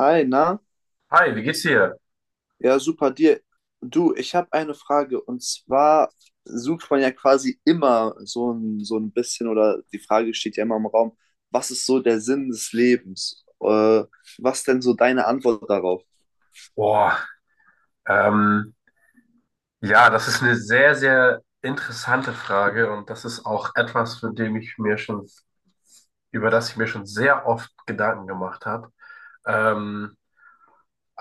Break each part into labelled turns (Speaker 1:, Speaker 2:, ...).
Speaker 1: Hi, na?
Speaker 2: Hi, wie geht's dir?
Speaker 1: Ja, super dir. Du, ich habe eine Frage und zwar sucht man ja quasi immer so ein bisschen oder die Frage steht ja immer im Raum, was ist so der Sinn des Lebens? Was denn so deine Antwort darauf?
Speaker 2: Boah, ähm, ja, das ist eine sehr, sehr interessante Frage und das ist auch etwas, für dem ich mir schon, über das ich mir schon sehr oft Gedanken gemacht habe. Ähm,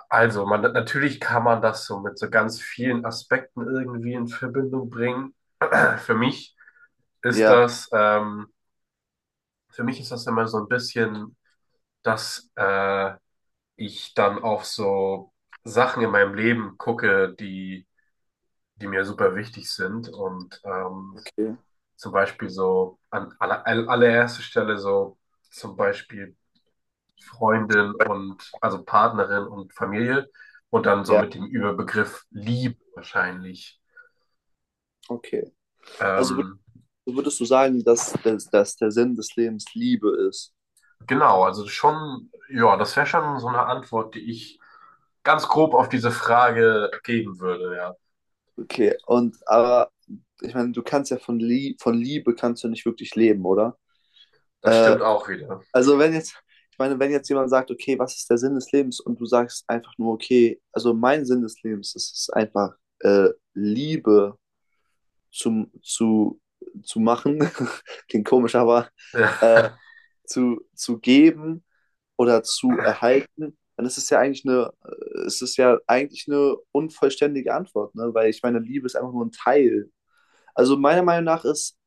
Speaker 2: also, man, natürlich kann man das so mit so ganz vielen Aspekten irgendwie in Verbindung bringen. Für mich ist
Speaker 1: Ja,
Speaker 2: das, ähm, für mich ist das immer so ein bisschen, dass ich dann auf so Sachen in meinem Leben gucke, die mir super wichtig sind. Und
Speaker 1: okay.
Speaker 2: zum Beispiel so an allererster Stelle, so zum Beispiel Freundin und also Partnerin und Familie und dann so
Speaker 1: Ja,
Speaker 2: mit dem Überbegriff Liebe wahrscheinlich.
Speaker 1: okay. Also würd-
Speaker 2: Ähm,
Speaker 1: würdest du sagen, dass der Sinn des Lebens Liebe ist?
Speaker 2: genau, also schon, ja, das wäre schon so eine Antwort, die ich ganz grob auf diese Frage geben würde, ja.
Speaker 1: Okay, und aber ich meine, du kannst ja von Liebe kannst du nicht wirklich leben, oder?
Speaker 2: Das
Speaker 1: Äh,
Speaker 2: stimmt auch wieder.
Speaker 1: Also wenn jetzt, ich meine, wenn jetzt jemand sagt, okay, was ist der Sinn des Lebens? Und du sagst einfach nur, okay, also mein Sinn des Lebens ist es einfach, Liebe zum, zu, zu machen, klingt komisch, aber zu geben oder zu erhalten, dann ist es ja eigentlich eine unvollständige Antwort, ne? Weil ich meine, Liebe ist einfach nur ein Teil. Also meiner Meinung nach ist,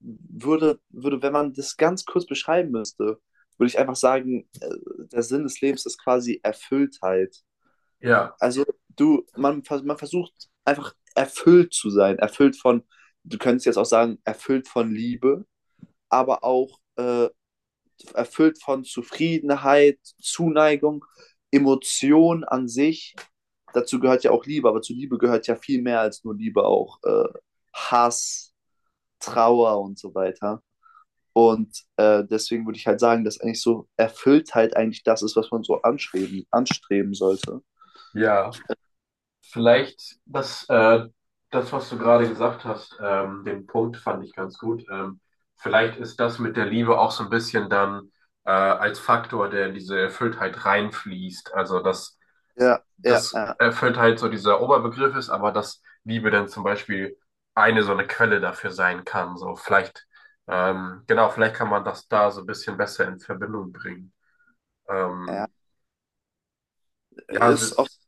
Speaker 1: würde, würde, wenn man das ganz kurz beschreiben müsste, würde ich einfach sagen, der Sinn des Lebens ist quasi Erfülltheit.
Speaker 2: Ja, ja,
Speaker 1: Also man versucht einfach erfüllt zu sein, erfüllt von, du könntest jetzt auch sagen, erfüllt von Liebe, aber auch erfüllt von Zufriedenheit, Zuneigung, Emotion an sich. Dazu gehört ja auch Liebe, aber zu Liebe gehört ja viel mehr als nur Liebe, auch Hass, Trauer und so weiter. Und deswegen würde ich halt sagen, dass eigentlich so Erfülltheit eigentlich das ist, was man so anstreben sollte.
Speaker 2: ja. Vielleicht das, äh, Das, was du gerade gesagt hast, den Punkt fand ich ganz gut. Vielleicht ist das mit der Liebe auch so ein bisschen dann als Faktor, der in diese Erfülltheit reinfließt. Also dass,
Speaker 1: Ja, ja,
Speaker 2: dass
Speaker 1: ja,
Speaker 2: Erfülltheit so dieser Oberbegriff ist, aber dass Liebe dann zum Beispiel eine so eine Quelle dafür sein kann. So vielleicht, genau, vielleicht kann man das da so ein bisschen besser in Verbindung bringen.
Speaker 1: ja.
Speaker 2: Ähm, ja, es
Speaker 1: Ist, auf,
Speaker 2: ist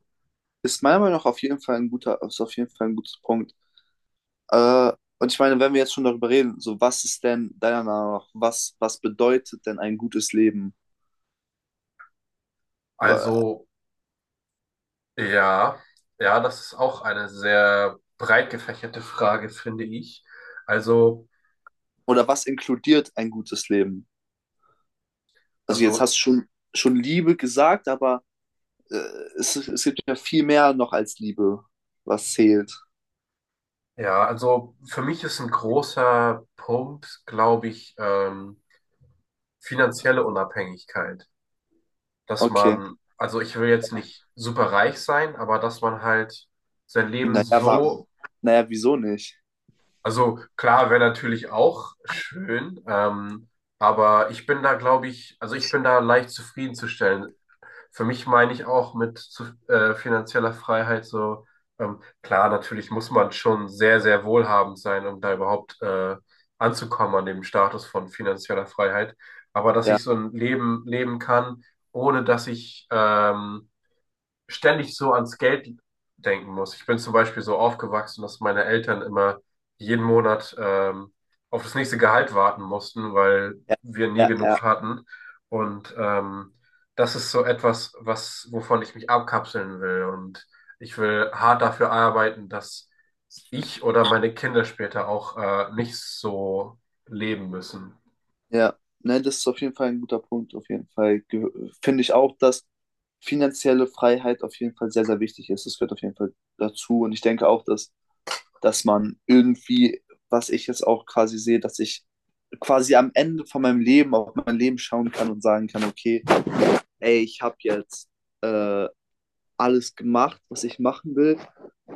Speaker 1: ist meiner Meinung nach auf jeden Fall ein guter Punkt. Äh, und ich meine, wenn wir jetzt schon darüber reden, so was ist denn deiner Meinung nach, was bedeutet denn ein gutes Leben? Wa-
Speaker 2: also. Ja, ja, das ist auch eine sehr breit gefächerte Frage, finde ich. Also,
Speaker 1: Oder was inkludiert ein gutes Leben? Also jetzt
Speaker 2: also,
Speaker 1: hast du schon Liebe gesagt, aber äh, es gibt ja viel mehr noch als Liebe, was zählt.
Speaker 2: ja, also für mich ist ein großer Punkt, glaube ich, finanzielle Unabhängigkeit. Dass
Speaker 1: Okay.
Speaker 2: man, also ich will jetzt nicht super reich sein, aber dass man halt sein Leben
Speaker 1: Naja, war,
Speaker 2: so,
Speaker 1: naja, wieso nicht?
Speaker 2: also klar, wäre natürlich auch schön, aber ich bin da, glaube ich, also ich bin da leicht zufriedenzustellen. Für mich meine ich auch mit finanzieller Freiheit so, klar, natürlich muss man schon sehr, sehr wohlhabend sein, um da überhaupt anzukommen an dem Status von finanzieller Freiheit. Aber dass
Speaker 1: Ja,
Speaker 2: ich so ein Leben leben kann, ohne dass ich ständig so ans Geld denken muss. Ich bin zum Beispiel so aufgewachsen, dass meine Eltern immer jeden Monat auf das nächste Gehalt warten mussten, weil
Speaker 1: ja,
Speaker 2: wir nie
Speaker 1: ja, ja,
Speaker 2: genug hatten. Und das ist so etwas, was, wovon ich mich abkapseln will. Und ich will hart dafür arbeiten, dass ich oder meine Kinder später auch nicht so leben müssen.
Speaker 1: ja. Ne, das ist auf jeden Fall ein guter Punkt. Auf jeden Fall finde ich auch, dass finanzielle Freiheit auf jeden Fall sehr, sehr wichtig ist. Das gehört auf jeden Fall dazu. Und ich denke auch, dass man irgendwie, was ich jetzt auch quasi sehe, dass ich quasi am Ende von meinem Leben auf mein Leben schauen kann und sagen kann, okay, ey, ich habe jetzt äh, alles gemacht, was ich machen will.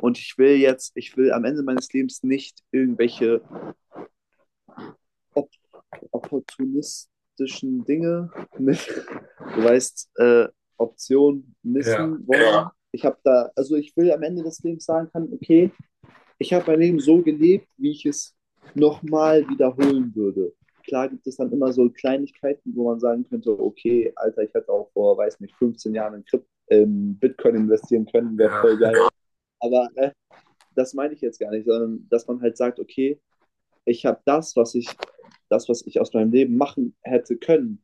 Speaker 1: Und ich will am Ende meines Lebens nicht irgendwelche op opportunistischen Dinge mit, du weißt, Option
Speaker 2: Ja,
Speaker 1: missen wollen. Ja. Also ich will am Ende des Lebens sagen kann, okay, ich habe mein Leben so gelebt, wie ich es nochmal wiederholen würde. Klar gibt es dann immer so Kleinigkeiten, wo man sagen könnte, okay, Alter, ich hätte auch vor, weiß nicht, 15 Jahren in Bitcoin investieren können, wäre
Speaker 2: ja.
Speaker 1: voll geil. Aber das meine ich jetzt gar nicht, sondern dass man halt sagt, okay, ich habe das, was ich aus meinem Leben machen hätte können,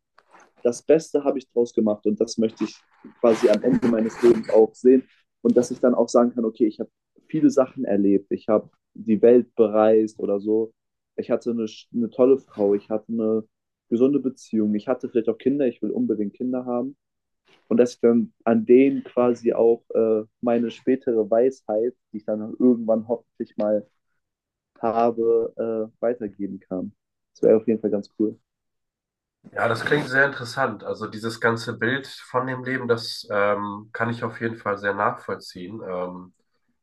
Speaker 1: das Beste habe ich draus gemacht und das möchte ich quasi am Ende meines Lebens auch sehen und dass ich dann auch sagen kann, okay, ich habe viele Sachen erlebt, ich habe die Welt bereist oder so, ich hatte eine tolle Frau, ich hatte eine gesunde Beziehung, ich hatte vielleicht auch Kinder, ich will unbedingt Kinder haben und dass ich dann an denen quasi auch meine spätere Weisheit, die ich dann irgendwann hoffentlich mal habe, weitergeben kann. Das wäre auf jeden Fall ganz cool.
Speaker 2: Ja, das klingt sehr interessant. Also dieses ganze Bild von dem Leben, das kann ich auf jeden Fall sehr nachvollziehen.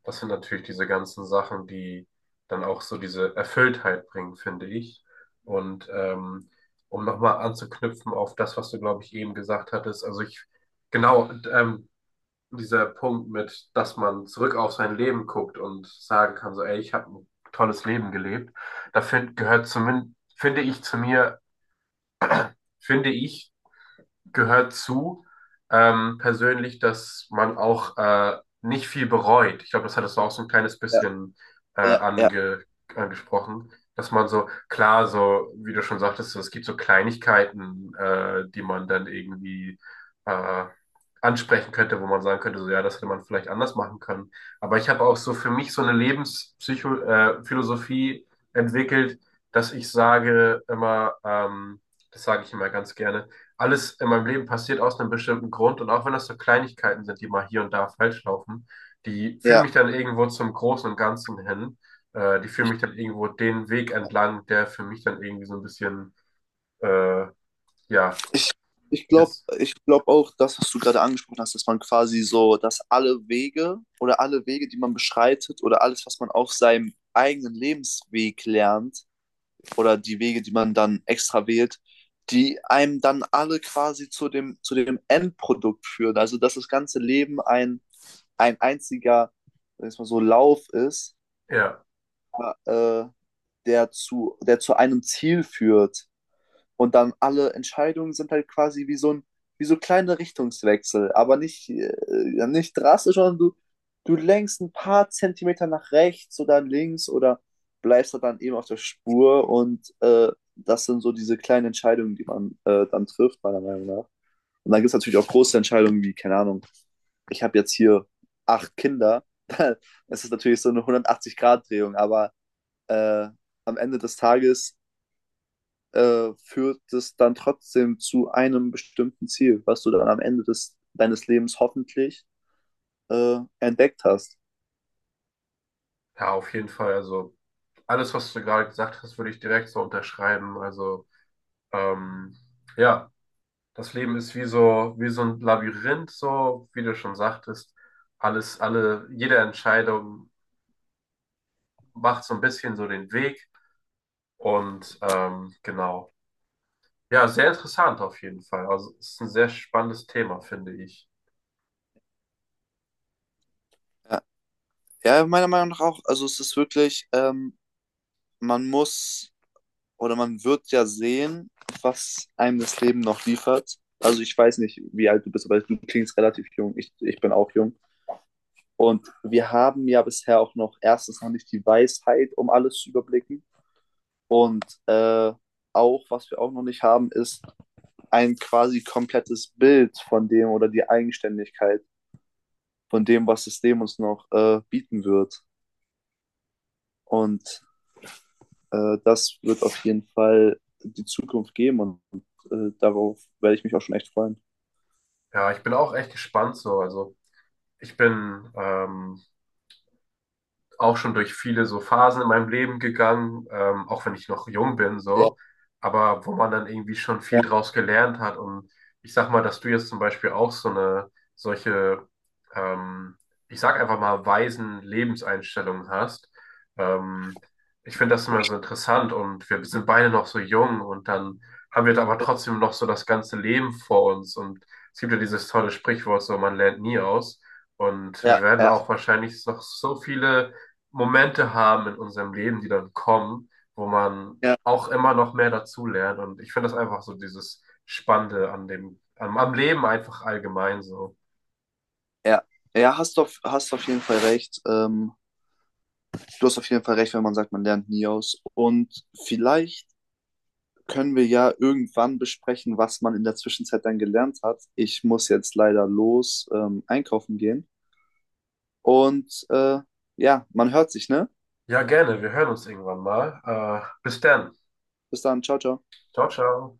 Speaker 2: Das sind natürlich diese ganzen Sachen, die dann auch so diese Erfülltheit bringen, finde ich. Und um nochmal anzuknüpfen auf das, was du, glaube ich, eben gesagt hattest, genau, dieser Punkt mit, dass man zurück auf sein Leben guckt und sagen kann, so, ey, ich habe ein tolles Leben gelebt, gehört zumindest, finde ich, zu mir, finde ich, gehört zu, persönlich, dass man auch nicht viel bereut. Ich glaube, das hattest du auch so ein kleines
Speaker 1: Ja,
Speaker 2: bisschen äh,
Speaker 1: ja, ja,
Speaker 2: ange angesprochen, dass man so, klar, so, wie du schon sagtest, so, es gibt so Kleinigkeiten, die man dann irgendwie äh, ansprechen könnte, wo man sagen könnte, so, ja, das hätte man vielleicht anders machen können. Aber ich habe auch so für mich so eine Lebenspsycho Philosophie entwickelt, dass ich sage immer, das sage ich immer ganz gerne, alles in meinem Leben passiert aus einem bestimmten Grund und auch wenn das so Kleinigkeiten sind, die mal hier und da falsch laufen, die führen
Speaker 1: ja.
Speaker 2: mich dann irgendwo zum Großen und Ganzen hin. Die führen
Speaker 1: Ich,
Speaker 2: mich dann irgendwo den Weg entlang, der für mich dann irgendwie so ein bisschen, äh, ja,
Speaker 1: ich, ich glaube
Speaker 2: ist.
Speaker 1: ich glaub auch, das, was du gerade angesprochen hast, dass man quasi so, dass alle Wege oder alle Wege, die man beschreitet oder alles, was man auf seinem eigenen Lebensweg lernt oder die Wege, die man dann extra wählt, die einem dann alle quasi zu dem Endprodukt führen. Also, dass das ganze Leben ein einziger, sag ich mal so, Lauf ist
Speaker 2: Ja,
Speaker 1: äh, der zu einem Ziel führt. Und dann alle Entscheidungen sind halt quasi wie so kleine Richtungswechsel, aber nicht drastisch, sondern du lenkst ein paar Zentimeter nach rechts oder links oder bleibst halt dann eben auf der Spur und das sind so diese kleinen Entscheidungen, die man dann trifft, meiner Meinung nach. Und dann gibt es natürlich auch große Entscheidungen wie, keine Ahnung, ich habe jetzt hier acht Kinder. Das ist natürlich so eine 180-Grad-Drehung, aber äh, am Ende des Tages führt es dann trotzdem zu einem bestimmten Ziel, was du dann am Ende deines Lebens hoffentlich entdeckt hast.
Speaker 2: ja, auf jeden Fall. Also alles, was du gerade gesagt hast, würde ich direkt so unterschreiben. Also, ähm, ja, das Leben ist wie so ein Labyrinth, so, wie du schon sagtest. Jede Entscheidung macht so ein bisschen so den Weg und genau. Ja, sehr interessant auf jeden Fall. Also es ist ein sehr spannendes Thema, finde ich.
Speaker 1: Ja, ja, meiner Meinung nach auch. Also es ist wirklich, man muss oder man wird ja sehen, was einem das Leben noch liefert. Also ich weiß nicht, wie alt du bist, aber du klingst relativ jung. Ich bin auch jung. Und wir haben ja bisher auch noch erstens noch nicht die Weisheit, um alles zu überblicken. Und auch, was wir auch noch nicht haben, ist ein quasi komplettes Bild von dem oder die Eigenständigkeit von dem, was das System uns noch bieten wird. Und das wird auf jeden Fall die Zukunft geben und darauf werde ich mich auch schon echt freuen.
Speaker 2: Ja, ich bin auch echt gespannt so. Also ich bin auch schon durch viele so Phasen in meinem Leben gegangen, auch wenn ich noch jung bin,
Speaker 1: Ja,
Speaker 2: so, aber wo man dann irgendwie schon viel
Speaker 1: ja,
Speaker 2: draus gelernt hat. Und ich sag mal, dass du jetzt zum Beispiel auch so solche, ähm, ich sag einfach mal, weisen Lebenseinstellungen hast. Ähm, Ich finde das immer so interessant und wir sind beide noch so jung und dann haben wir aber trotzdem noch so das ganze Leben vor uns. Und es gibt ja dieses tolle Sprichwort, so man lernt nie aus. Und wir
Speaker 1: ja,
Speaker 2: werden
Speaker 1: ja,
Speaker 2: auch wahrscheinlich noch so viele Momente haben in unserem Leben, die dann kommen, wo man
Speaker 1: ja,
Speaker 2: auch immer noch mehr dazulernt. Und ich finde das einfach so dieses Spannende an am Leben einfach allgemein so.
Speaker 1: ja. Ja, hast auf jeden Fall recht. Du hast auf jeden Fall recht, wenn man sagt, man lernt nie aus. Und vielleicht können wir ja irgendwann besprechen, was man in der Zwischenzeit dann gelernt hat. Ich muss jetzt leider los, einkaufen gehen. Und ja, man hört sich, ne?
Speaker 2: Ja, gerne. Wir hören uns irgendwann mal. Bis dann.
Speaker 1: Bis dann, ciao, ciao.
Speaker 2: Ciao, ciao.